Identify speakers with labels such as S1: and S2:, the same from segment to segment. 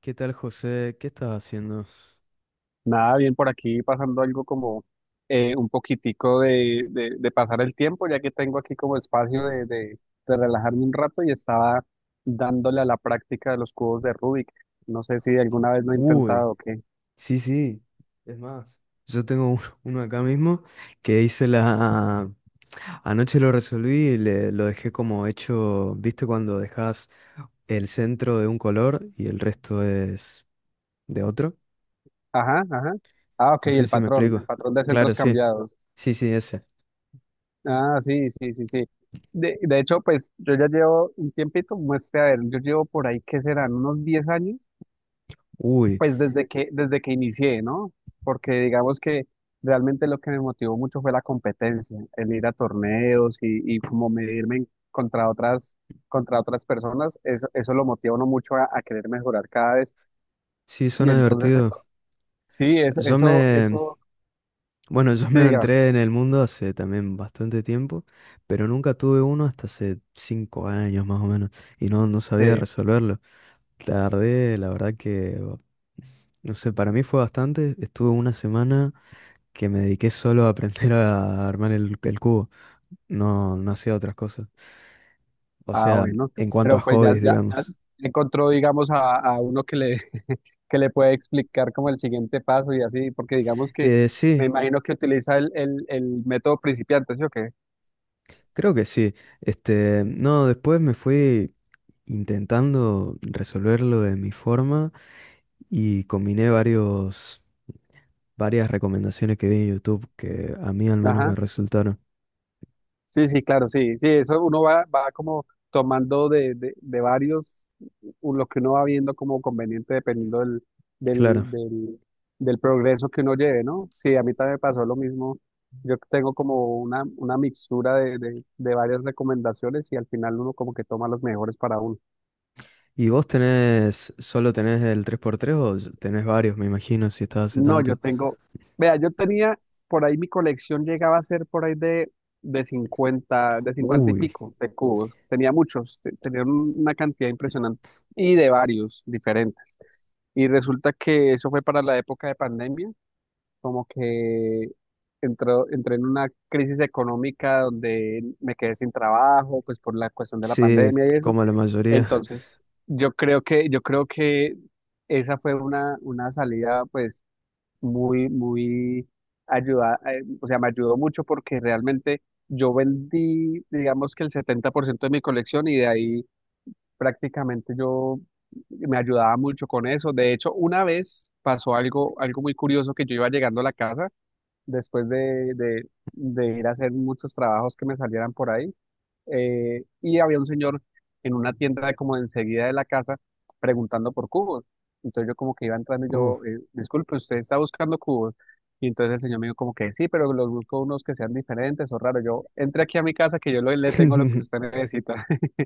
S1: ¿Qué tal, José? ¿Qué estás haciendo?
S2: Nada, bien por aquí pasando algo como un poquitico de pasar el tiempo, ya que tengo aquí como espacio de relajarme un rato y estaba dándole a la práctica de los cubos de Rubik. No sé si alguna vez lo he
S1: Uy,
S2: intentado o qué.
S1: sí, sí. Es más, yo tengo uno acá mismo que hice la. Anoche lo resolví y lo dejé como hecho. ¿Viste cuando dejas el centro de un color y el resto es de otro?
S2: Ajá, ajá. Ah, ok,
S1: No sé
S2: el
S1: si me
S2: patrón, el
S1: explico.
S2: patrón de
S1: Claro,
S2: centros
S1: sí.
S2: cambiados.
S1: Sí, sí, ese.
S2: Ah, sí, sí, sí, sí. De hecho, pues yo ya llevo un tiempito, muestre, a ver, yo llevo por ahí, ¿qué serán? Unos 10 años.
S1: Uy,
S2: Pues desde que inicié, ¿no? Porque digamos que realmente lo que me motivó mucho fue la competencia, el ir a torneos y como contra otras personas, eso lo motiva a uno mucho a querer mejorar cada vez.
S1: sí,
S2: Y
S1: suena
S2: entonces
S1: divertido.
S2: eso, sí, eso,
S1: Yo
S2: eso,
S1: me...
S2: eso,
S1: Bueno, yo
S2: sí,
S1: me
S2: diga,
S1: entré en el mundo hace también bastante tiempo, pero nunca tuve uno hasta hace 5 años más o menos, y no
S2: sí,
S1: sabía resolverlo. Tardé, la verdad que, no sé, para mí fue bastante. Estuve una semana que me dediqué solo a aprender a armar el cubo. No, no hacía otras cosas. O
S2: ah,
S1: sea,
S2: bueno,
S1: en cuanto a
S2: pero pues ya,
S1: hobbies,
S2: ya, ya
S1: digamos.
S2: encontró, digamos, a uno que le, que le puede explicar como el siguiente paso y así, porque digamos que me
S1: Sí,
S2: imagino que utiliza el método principiante, ¿sí o qué?
S1: creo que sí. Este, no, después me fui intentando resolverlo de mi forma. Y combiné varias recomendaciones que vi en YouTube que a mí al menos
S2: Ajá,
S1: me resultaron.
S2: sí, sí, claro, sí, sí, eso uno va como tomando de varios lo que uno va viendo como conveniente dependiendo
S1: Claro.
S2: del, del, del progreso que uno lleve, ¿no? Sí, a mí también me pasó lo mismo, yo tengo como una mixtura de varias recomendaciones y al final uno como que toma las mejores para uno.
S1: ¿Y solo tenés el 3x3 o tenés varios, me imagino, si estás hace
S2: No, yo
S1: tanto?
S2: tengo, vea, yo tenía, por ahí mi colección llegaba a ser por ahí de cincuenta y
S1: Uy,
S2: pico de cubos. Tenía muchos, tenía una cantidad impresionante y de varios diferentes. Y resulta que eso fue para la época de pandemia, como que entré en una crisis económica donde me quedé sin trabajo, pues por la cuestión de la
S1: sí,
S2: pandemia y eso.
S1: como la mayoría.
S2: Entonces, yo creo que esa fue una salida, pues muy, muy ayuda, o sea, me ayudó mucho porque realmente yo vendí, digamos que el 70% de mi colección y de ahí prácticamente yo me ayudaba mucho con eso. De hecho, una vez pasó algo muy curioso que yo iba llegando a la casa después de ir a hacer muchos trabajos que me salieran por ahí y había un señor en una tienda de como de enseguida de la casa preguntando por cubos. Entonces yo como que iba entrando y
S1: Uh.
S2: yo, disculpe, usted está buscando cubos. Y entonces el señor me dijo como que sí, pero los busco unos que sean diferentes o raros. Yo entré aquí a mi casa que yo le tengo lo que usted necesita.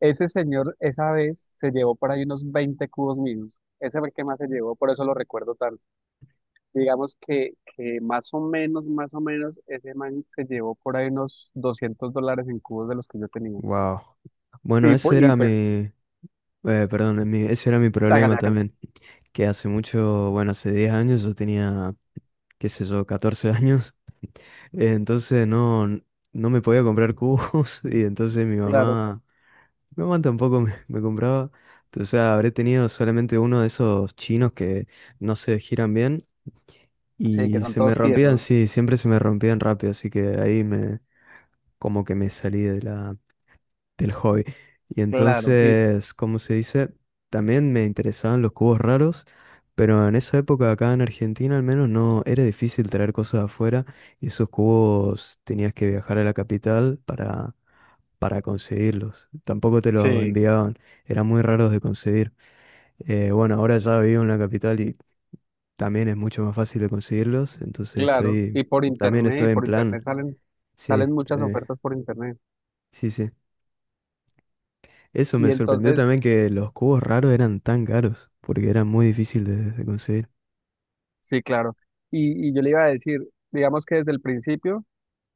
S2: Ese señor esa vez se llevó por ahí unos 20 cubos míos. Ese fue el que más se llevó, por eso lo recuerdo tanto. Digamos que más o menos, ese man se llevó por ahí unos $200 en cubos de los que yo tenía.
S1: Wow. Bueno,
S2: Y, pu- y pues,
S1: perdón, ese era mi problema
S2: hágale, hágale.
S1: también, que hace mucho, bueno, hace 10 años yo tenía, qué sé yo, 14 años. Entonces no me podía comprar cubos y entonces mi
S2: Claro,
S1: mamá, mi mamá tampoco me compraba. O sea, habré tenido solamente uno de esos chinos que no se giran bien
S2: sí, que
S1: y
S2: son
S1: se me
S2: todos
S1: rompían,
S2: tiesos.
S1: sí, siempre se me rompían rápido, así que como que me salí de del hobby. Y
S2: Claro, sí,
S1: entonces, ¿como se dice? También me interesaban los cubos raros, pero en esa época acá en Argentina al menos no era difícil traer cosas de afuera, y esos cubos tenías que viajar a la capital para conseguirlos. Tampoco te los
S2: sí,
S1: enviaban, eran muy raros de conseguir. Bueno, ahora ya vivo en la capital y también es mucho más fácil de conseguirlos, entonces
S2: claro.
S1: también
S2: Y
S1: estoy en
S2: por
S1: plan.
S2: internet
S1: Sí,
S2: salen muchas ofertas por internet.
S1: sí, sí. Eso
S2: Y
S1: me sorprendió
S2: entonces,
S1: también que los cubos raros eran tan caros, porque eran muy difíciles de conseguir.
S2: sí, claro. Y yo le iba a decir, digamos que desde el principio,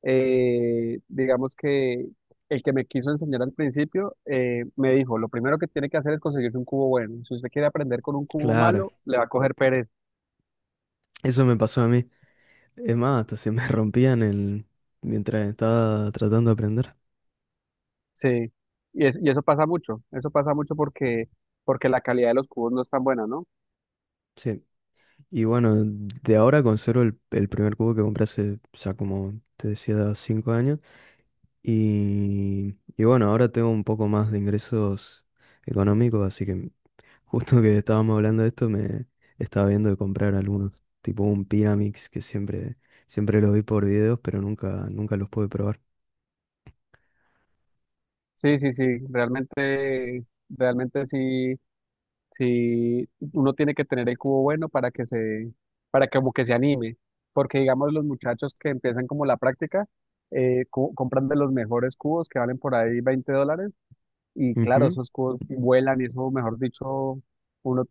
S2: digamos que el que me quiso enseñar al principio, me dijo, lo primero que tiene que hacer es conseguirse un cubo bueno. Si usted quiere aprender con un cubo
S1: Claro,
S2: malo, le va a coger pereza.
S1: eso me pasó a mí. Es más, hasta se me rompían el, mientras estaba tratando de aprender.
S2: Sí, y eso pasa mucho porque la calidad de los cubos no es tan buena, ¿no?
S1: Sí. Y bueno, de ahora conservo el primer cubo que compré hace, ya como te decía, 5 años. Y bueno, ahora tengo un poco más de ingresos económicos, así que justo que estábamos hablando de esto, me estaba viendo de comprar algunos, tipo un Pyramix que siempre, siempre los vi por videos, pero nunca, nunca los pude probar.
S2: Sí, sí, sí, realmente, realmente sí, sí, uno tiene que tener el cubo bueno para que como que se anime, porque digamos los muchachos que empiezan como la práctica, compran de los mejores cubos que valen por ahí $20, y claro,
S1: Ujú.
S2: esos cubos vuelan y eso, mejor dicho, uno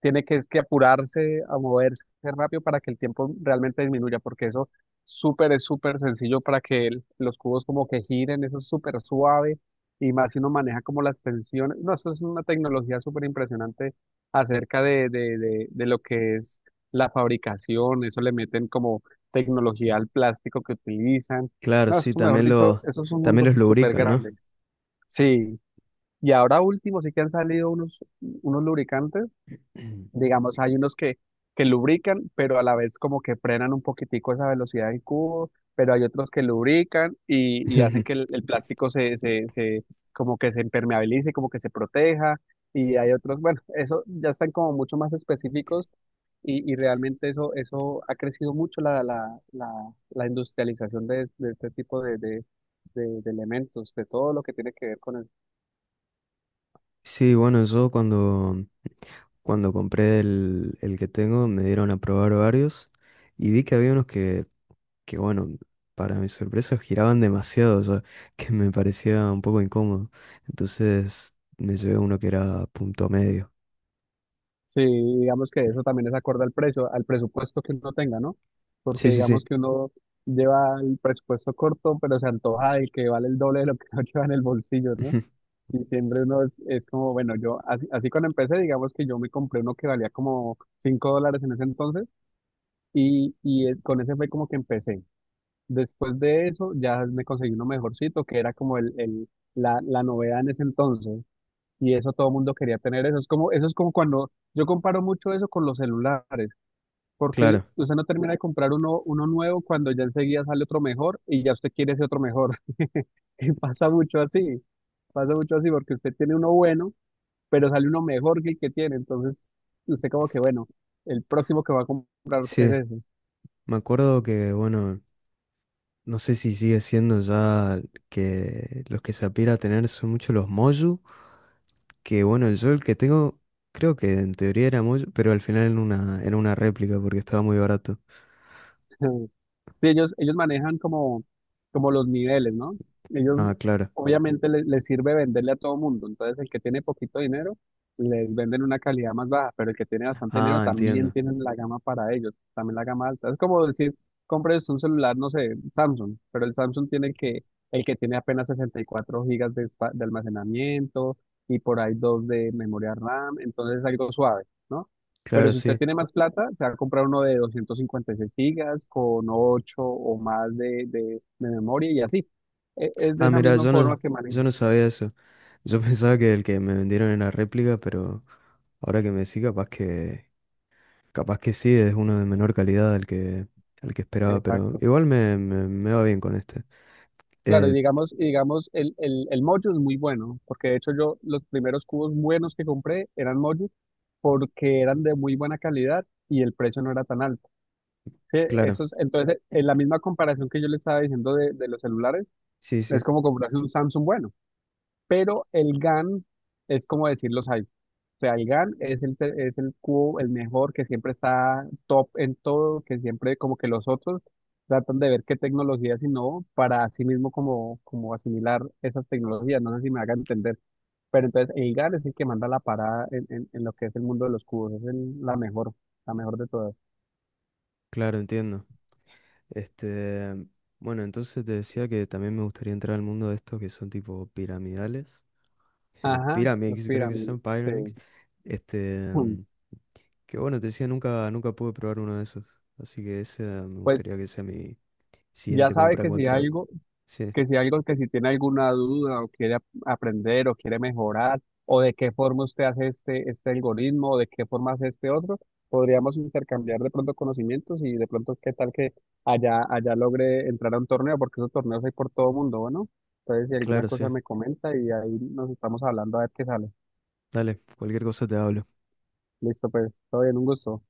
S2: tiene que, es que apurarse a moverse rápido para que el tiempo realmente disminuya, porque eso súper es súper sencillo para que los cubos como que giren, eso es súper suave y más si uno maneja como las tensiones. No, eso es una tecnología súper impresionante acerca de lo que es la fabricación, eso le meten como tecnología al plástico que utilizan.
S1: Claro,
S2: No,
S1: sí,
S2: eso, mejor
S1: también
S2: dicho,
S1: los,
S2: eso es un
S1: también
S2: mundo
S1: los
S2: súper
S1: lubrican, ¿no?
S2: grande. Sí, y ahora último sí que han salido unos lubricantes. Digamos, hay unos que lubrican, pero a la vez como que frenan un poquitico esa velocidad del cubo, pero hay otros que lubrican y hacen que el plástico como que se impermeabilice, como que se proteja, y hay otros, bueno, eso ya están como mucho más específicos y realmente eso, eso ha crecido mucho la industrialización de este tipo de elementos, de todo lo que tiene que ver con el.
S1: Sí, bueno, yo cuando compré el que tengo me dieron a probar varios y vi que había unos que bueno, para mi sorpresa giraban demasiado, o sea, que me parecía un poco incómodo. Entonces me llevé uno que era punto medio.
S2: Sí, digamos que eso también es acorde al precio, al presupuesto que uno tenga, ¿no? Porque
S1: Sí, sí,
S2: digamos
S1: sí.
S2: que uno lleva el presupuesto corto, pero se antoja del que vale el doble de lo que uno lleva en el bolsillo, ¿no?
S1: ujú.
S2: Y siempre uno es como, bueno, yo así, así cuando empecé, digamos que yo me compré uno que valía como $5 en ese entonces y con ese fue como que empecé. Después de eso ya me conseguí uno mejorcito, que era como la novedad en ese entonces. Y eso todo el mundo quería tener eso. Es como, eso es como cuando yo comparo mucho eso con los celulares, porque
S1: Claro.
S2: usted no termina de comprar uno nuevo cuando ya enseguida sale otro mejor y ya usted quiere ese otro mejor. Y pasa mucho así porque usted tiene uno bueno, pero sale uno mejor que el que tiene. Entonces, usted como que, bueno, el próximo que va a comprar es
S1: Sí,
S2: ese.
S1: me acuerdo que, bueno, no sé si sigue siendo ya que los que se aspira a tener son mucho los Moju, que bueno, yo el que tengo, creo que en teoría era Moju, pero al final era una réplica porque estaba muy barato.
S2: Sí, ellos manejan como los niveles, ¿no? Ellos
S1: Ah, claro.
S2: obviamente les, sirve venderle a todo mundo. Entonces, el que tiene poquito dinero, les venden una calidad más baja, pero el que tiene bastante dinero
S1: Ah,
S2: también
S1: entiendo.
S2: tienen la gama para ellos, también la gama alta. Es como decir, compres un celular, no sé, Samsung, pero el Samsung tiene el que tiene apenas 64 gigas de almacenamiento y por ahí dos de memoria RAM, entonces es algo suave, ¿no? Pero
S1: Claro,
S2: si usted
S1: sí.
S2: tiene más plata, se va a comprar uno de 256 gigas con 8 o más de memoria y así. Es de
S1: Ah,
S2: esa
S1: mira,
S2: misma
S1: yo
S2: forma
S1: no,
S2: que maneja.
S1: yo no sabía eso. Yo pensaba que el que me vendieron era réplica, pero ahora que me decís, capaz que sí, es uno de menor calidad al que esperaba, pero
S2: Exacto.
S1: igual me va bien con este.
S2: Claro, y
S1: Eh,
S2: digamos, y digamos el Mojo es muy bueno, porque de hecho yo los primeros cubos buenos que compré eran Mojo porque eran de muy buena calidad y el precio no era tan alto. Sí,
S1: claro,
S2: entonces, en la misma comparación que yo le estaba diciendo de los celulares,
S1: sí,
S2: es
S1: sí,
S2: como comprarse un Samsung bueno. Pero el GAN es como decir los iPhone. O sea, el GAN es el cubo, el mejor, que siempre está top en todo, que siempre como que los otros tratan de ver qué tecnologías innovó para así mismo como asimilar esas tecnologías. No sé si me hagan entender. Pero entonces el GAN es el que manda la parada en lo que es el mundo de los cubos. Es la mejor de todas.
S1: claro, entiendo. Este, bueno, entonces te decía que también me gustaría entrar al mundo de estos que son tipo piramidales.
S2: Ajá, los
S1: Pyramix, creo que se
S2: pirámides.
S1: llama
S2: Sí.
S1: Pyramix. Este,
S2: Mm.
S1: que bueno, te decía, nunca, nunca pude probar uno de esos. Así que ese me
S2: Pues
S1: gustaría que sea mi
S2: ya
S1: siguiente
S2: sabe
S1: compra en
S2: que si
S1: cuanto a-
S2: algo...
S1: Sí,
S2: que si tiene alguna duda o quiere aprender o quiere mejorar, o de qué forma usted hace este algoritmo, o de qué forma hace este otro, podríamos intercambiar de pronto conocimientos y de pronto qué tal que allá logre entrar a un torneo, porque esos torneos hay por todo mundo, ¿no? Entonces, si alguna
S1: claro,
S2: cosa
S1: sí.
S2: me comenta y ahí nos estamos hablando a ver qué sale.
S1: Dale, cualquier cosa te hablo.
S2: Listo, pues, todo bien, un gusto.